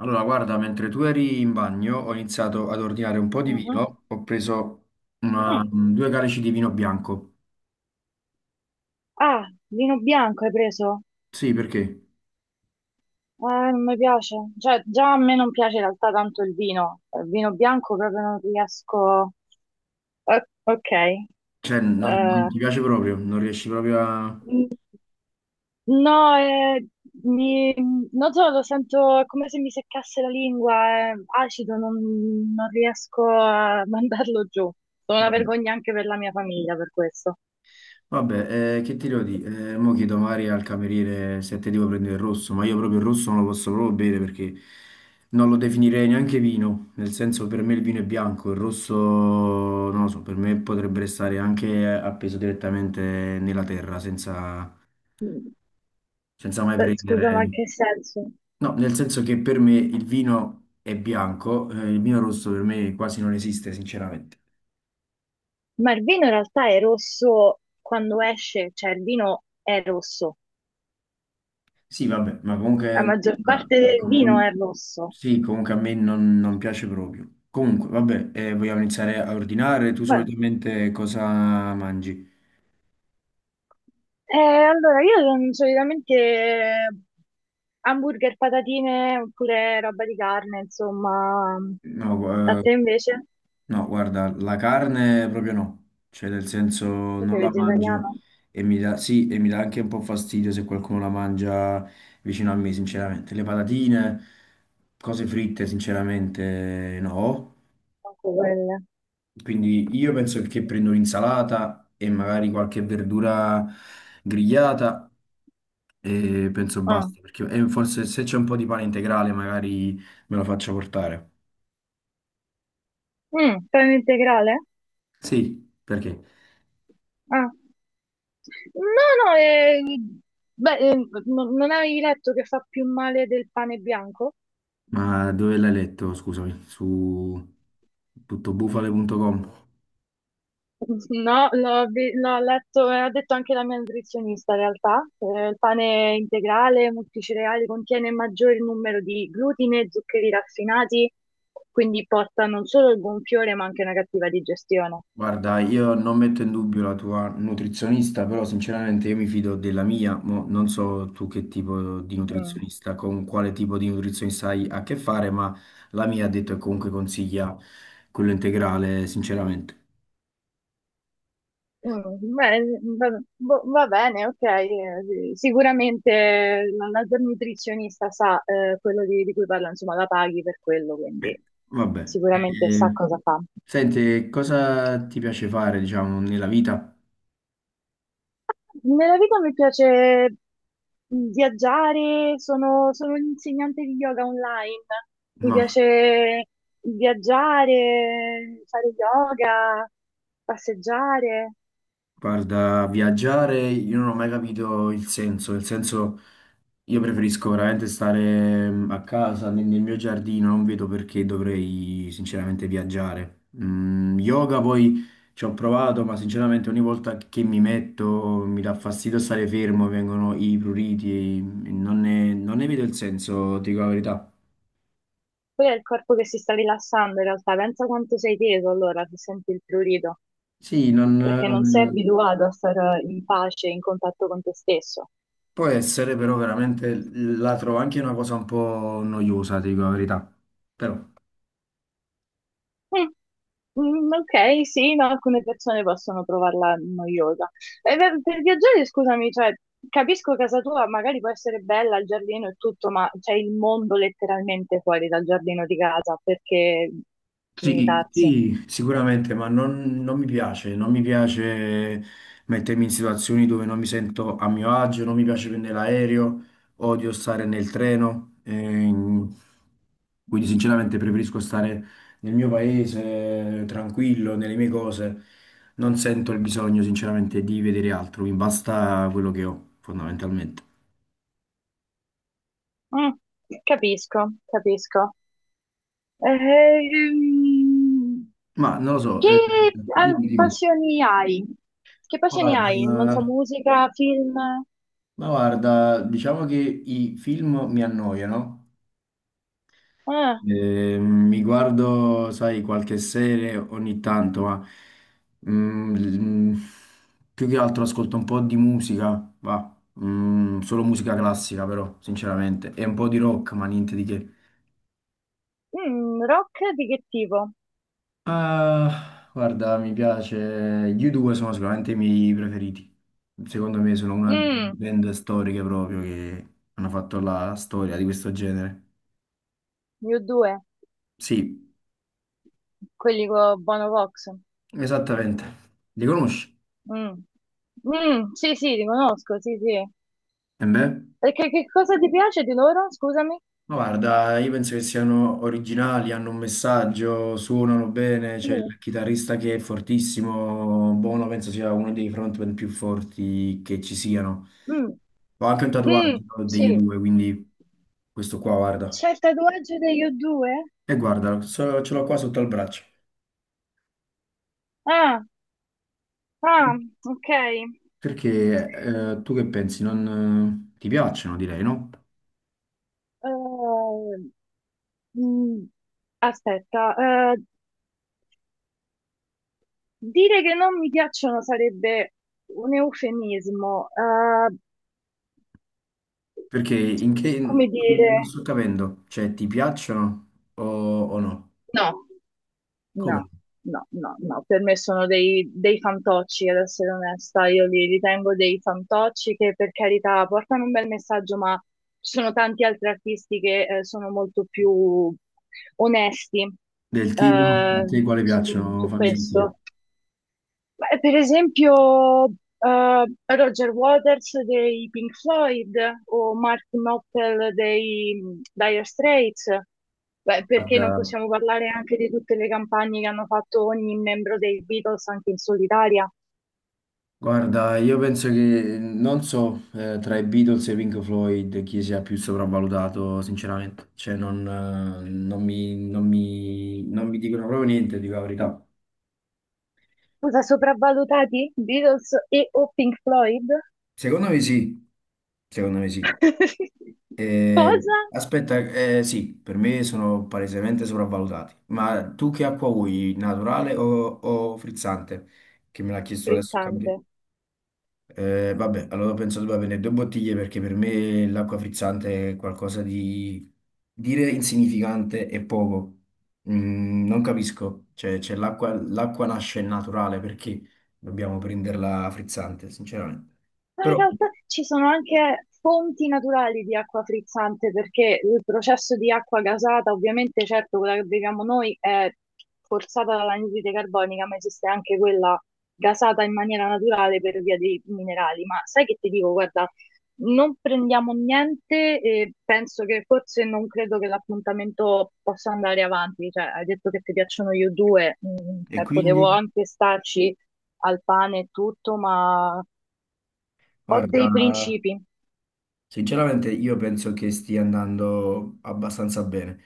Allora, guarda, mentre tu eri in bagno, ho iniziato ad ordinare un po' di Mhm. vino. Ho preso Mm. due calici di vino bianco. Ah, vino bianco hai preso? Sì, perché? Non mi piace. Cioè, già a me non piace in realtà tanto il vino. Il vino bianco proprio non riesco. Ok. Cioè, non Eh, ti piace proprio, non riesci proprio a... mm, no, mi- non so, lo sento è come se mi seccasse la lingua, è acido, non riesco a mandarlo giù. Sono una Vabbè. vergogna anche per la mia famiglia per questo. Vabbè, che ti devo dire? Mo chiedo magari al cameriere se te devo prendere il rosso, ma io proprio il rosso non lo posso proprio bere perché non lo definirei neanche vino, nel senso per me il vino è bianco, il rosso, non lo so, per me potrebbe restare anche appeso direttamente nella terra senza... Mm. senza mai scusa, ma in prendere... che senso? No, nel senso che per me il vino è bianco, il vino rosso per me quasi non esiste, sinceramente. Ma il vino in realtà è rosso quando esce, cioè il vino è rosso, Sì, vabbè, ma la comunque... maggior ma, parte eh, del vino è comun- rosso. sì, comunque a me non piace proprio. Comunque, vabbè, vogliamo iniziare a ordinare? Tu Vabbè. solitamente cosa mangi? Allora, io non- solitamente hamburger, patatine oppure roba di carne, insomma. A No, eh, te invece? No, guarda, la carne proprio no, cioè nel senso Tu non sei la mangio vegetariano? e mi dà, sì, e mi dà anche un po' fastidio se qualcuno la mangia vicino a me, sinceramente. Le patatine, cose fritte, sinceramente no. Anche quelle. Quindi io penso che prendo un'insalata e magari qualche verdura grigliata e penso Ah. basta, perché e forse se c'è un po' di pane integrale magari me lo faccio portare. Pane integrale? Sì, perché? Ah. No, no, beh, non avevi letto che fa più male del pane bianco? Ma dove l'hai letto, scusami? Su tuttobufale.com. No, l'ho letto e ha detto anche la mia nutrizionista in realtà. Il pane integrale, multicereali, contiene maggior numero di glutine e zuccheri raffinati, quindi porta non solo il gonfiore ma anche una cattiva digestione. Guarda, io non metto in dubbio la tua nutrizionista, però sinceramente io mi fido della mia, mo non so tu che tipo di Mm. nutrizionista, con quale tipo di nutrizionista hai a che fare, ma la mia ha detto che comunque consiglia quello integrale, sinceramente. Beh, va, boh, va bene, ok. Sì, sicuramente la tua nutrizionista sa quello di cui parla, insomma, la paghi per quello, quindi Eh, vabbè. sicuramente sa cosa fa. Senti, cosa ti piace fare, diciamo, nella vita? Nella vita mi piace viaggiare, sono un'insegnante di yoga online, mi No. piace viaggiare, fare yoga, passeggiare. Guarda, viaggiare io non ho mai capito il senso, nel senso io preferisco veramente stare a casa, nel mio giardino, non vedo perché dovrei sinceramente viaggiare. Yoga poi ci ho provato, ma sinceramente ogni volta che mi metto mi dà fastidio stare fermo, vengono i pruriti, e non ne vedo il senso, dico la verità. Poi è il corpo che si sta rilassando in realtà, pensa quanto sei teso allora se senti il prurito, Sì, non, perché non sei abituato a stare in pace, in contatto con te stesso. può essere però veramente la trovo anche una cosa un po' noiosa, ti dico la verità. Però. Mm. Ok, sì, no, alcune persone possono trovarla noiosa. E per viaggiare, scusami, cioè, capisco casa tua, magari può essere bella il giardino e tutto, ma c'è il mondo letteralmente fuori dal giardino di casa, perché Sì, limitarsi? sì, sicuramente, ma non mi piace, non mi piace mettermi in situazioni dove non mi sento a mio agio, non mi piace prendere l'aereo, odio stare nel treno, quindi sinceramente preferisco stare nel mio paese, tranquillo, nelle mie cose, non sento il bisogno sinceramente di vedere altro, mi basta quello che ho fondamentalmente. Mm, capisco, capisco. Ehm, Ma non lo so, che dimmi, dimmi. Passioni hai? Che passioni Guarda, hai? Non so, musica, film? Ma guarda, diciamo che i film mi annoiano. Ah, Mi guardo, sai, qualche serie ogni tanto, ma mm, mm, più che altro ascolto un po' di musica, va. Solo musica classica però, sinceramente, e un po' di rock, ma niente di che. Rock di che tipo? Ah, guarda, mi piace, gli U2 sono sicuramente i miei preferiti, secondo me sono una delle Mm, band storiche proprio che hanno fatto la storia di questo genere. io due. Sì, Quelli con Bono Vox. esattamente, li conosci? Mm. Mm, sì, sì, li conosco, sì, sì. E beh? Perché che cosa ti piace di loro? Scusami. Ma guarda, io penso che siano originali, hanno un messaggio, suonano bene, Sì. c'è il chitarrista che è fortissimo, Bono penso sia uno dei frontman più forti che ci siano. Mm, Ho anche un mm, tatuaggio sì. degli due, quindi questo qua guarda. C'è il tatuaggio degli O2? E guarda, ce l'ho qua sotto al braccio. Ah, ah, ok. Perché tu che pensi? Non, ti piacciono, direi, no? Eh, mm, Aspetta, eh, dire che non mi piacciono sarebbe un eufemismo. Perché in che... Come Non dire? sto capendo, cioè ti piacciono o no? No. Come no? No, no, no, no, per me sono dei fantocci, ad essere onesta, io li ritengo dei fantocci che per carità portano un bel messaggio, ma ci sono tanti altri artisti che sono molto più onesti Del tipo, a eh, te quale su, piacciono? su Fammi sentire. questo. Beh, per esempio, eh, Roger Waters dei Pink Floyd o Martin Knopfler dei Dire Straits. Beh, perché non Guarda, possiamo parlare anche di tutte le campagne che hanno fatto ogni membro dei Beatles anche in solitaria? Guarda, io penso che non so tra i Beatles e Pink Floyd chi sia più sopravvalutato, sinceramente. Cioè, non mi dicono proprio niente, dico la verità. Cosa sopravvalutati? Beatles o Pink Floyd? Secondo me sì, secondo me sì. Cosa? Aspetta, sì, per me sono palesemente sopravvalutati. Ma tu che acqua vuoi, naturale o frizzante? Che me l'ha chiesto adesso il Frizzante. cameriere. Vabbè, allora penso debba avere due bottiglie perché per me l'acqua frizzante è qualcosa di dire insignificante e poco. Non capisco, cioè, l'acqua nasce naturale perché dobbiamo prenderla frizzante, sinceramente. Ma in Però, realtà ci sono anche fonti naturali di acqua frizzante perché il processo di acqua gasata, ovviamente, certo, quella che beviamo noi è forzata dall'anidride carbonica, ma esiste anche quella gasata in maniera naturale per via dei minerali. Ma sai che ti dico, guarda, non prendiamo niente e penso che forse non credo che l'appuntamento possa andare avanti. Cioè, hai detto che ti piacciono io due, e cioè, potevo quindi, anche starci al pane e tutto, ma ho guarda, dei principi. sinceramente io penso che stia andando abbastanza bene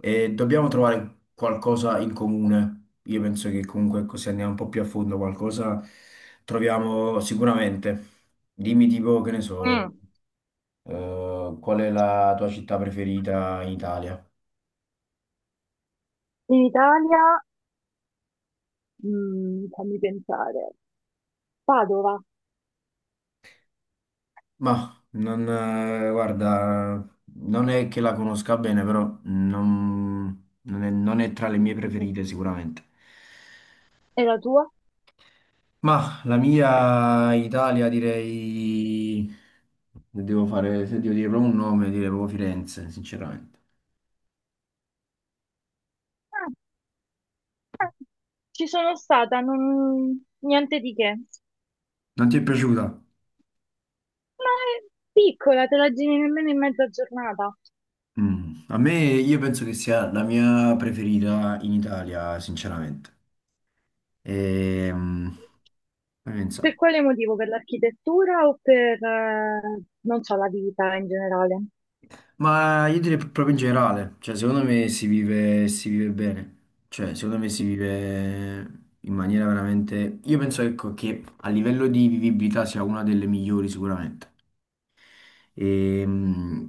e dobbiamo trovare qualcosa in comune. Io penso che comunque così andiamo un po' più a fondo, qualcosa troviamo sicuramente. Dimmi tipo, che ne so, Mm. Qual è la tua città preferita in Italia? In Italia, fammi pensare, Padova Ma non, guarda, non è che la conosca bene, però non è tra le mie preferite sicuramente. è la tua? Ma la mia Italia direi, se devo dire proprio un nome, direi proprio Firenze, sinceramente. Ah, ci sono stata, non, niente di che. Non ti è piaciuta? Ma è piccola, te la giri nemmeno in mezza giornata. Mm. A me, io penso che sia la mia preferita in Italia, sinceramente. Ehm, fammi Per pensare. quale motivo? Per l'architettura o per, non so, la vita in generale? Ma io direi proprio in generale, cioè secondo me si vive bene, cioè secondo me si vive in maniera veramente... Io penso ecco, che a livello di vivibilità sia una delle migliori sicuramente. E, mh,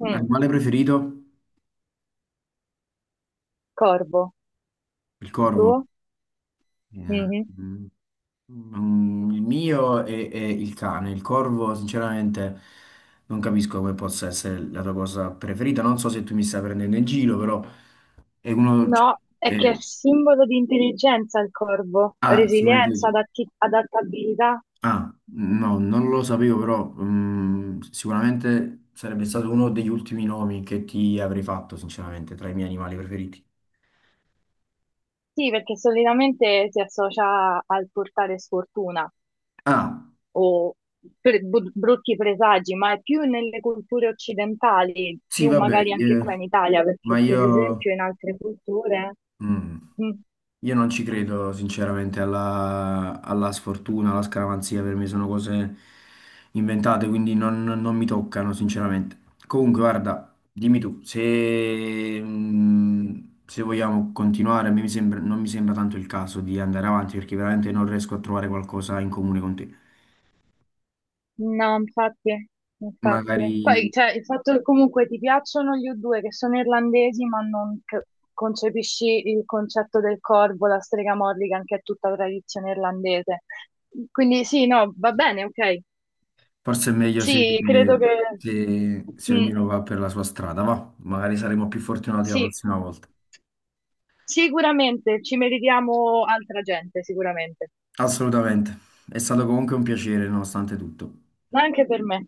Mm, animale preferito? corvo, Il corvo. tu? Eh, Mhm. mh, il mio è il cane. Il corvo, sinceramente, non capisco come possa essere la tua cosa preferita. Non so se tu mi stai prendendo in giro, però è uno... cioè, No, è che è è- simbolo di intelligenza il corvo, resilienza, sicuramente... adattabilità. Ah, no, non lo sapevo, però sicuramente sarebbe stato uno degli ultimi nomi che ti avrei fatto, sinceramente, tra i miei animali preferiti. Sì, perché solitamente si associa al portare sfortuna Ah, o brutti presagi, ma è più nelle culture occidentali, sì, più vabbè, magari anche eh, qua in Italia, perché ma per io, esempio in altre culture. mm, Mm, io non ci credo sinceramente alla, alla sfortuna, alla scaramanzia, per me sono cose inventate, quindi non mi toccano sinceramente. Comunque, guarda, dimmi tu, se, se vogliamo continuare, a me mi sembra- non mi sembra tanto il caso di andare avanti perché veramente non riesco a trovare qualcosa in comune con te. no, infatti, Magari, infatti. Poi, cioè, il fatto che comunque ti piacciono gli U2 che sono irlandesi, ma non concepisci il concetto del corvo, la strega Morrigan, che è tutta tradizione irlandese. Quindi sì, no, va bene, ok. forse è meglio se, Sì, credo che. Se Mm, ognuno va per la sua strada, va? Magari saremo più fortunati la sì, prossima volta. sicuramente ci meritiamo altra gente, sicuramente, Assolutamente. È stato comunque un piacere, nonostante tutto. ma anche per me.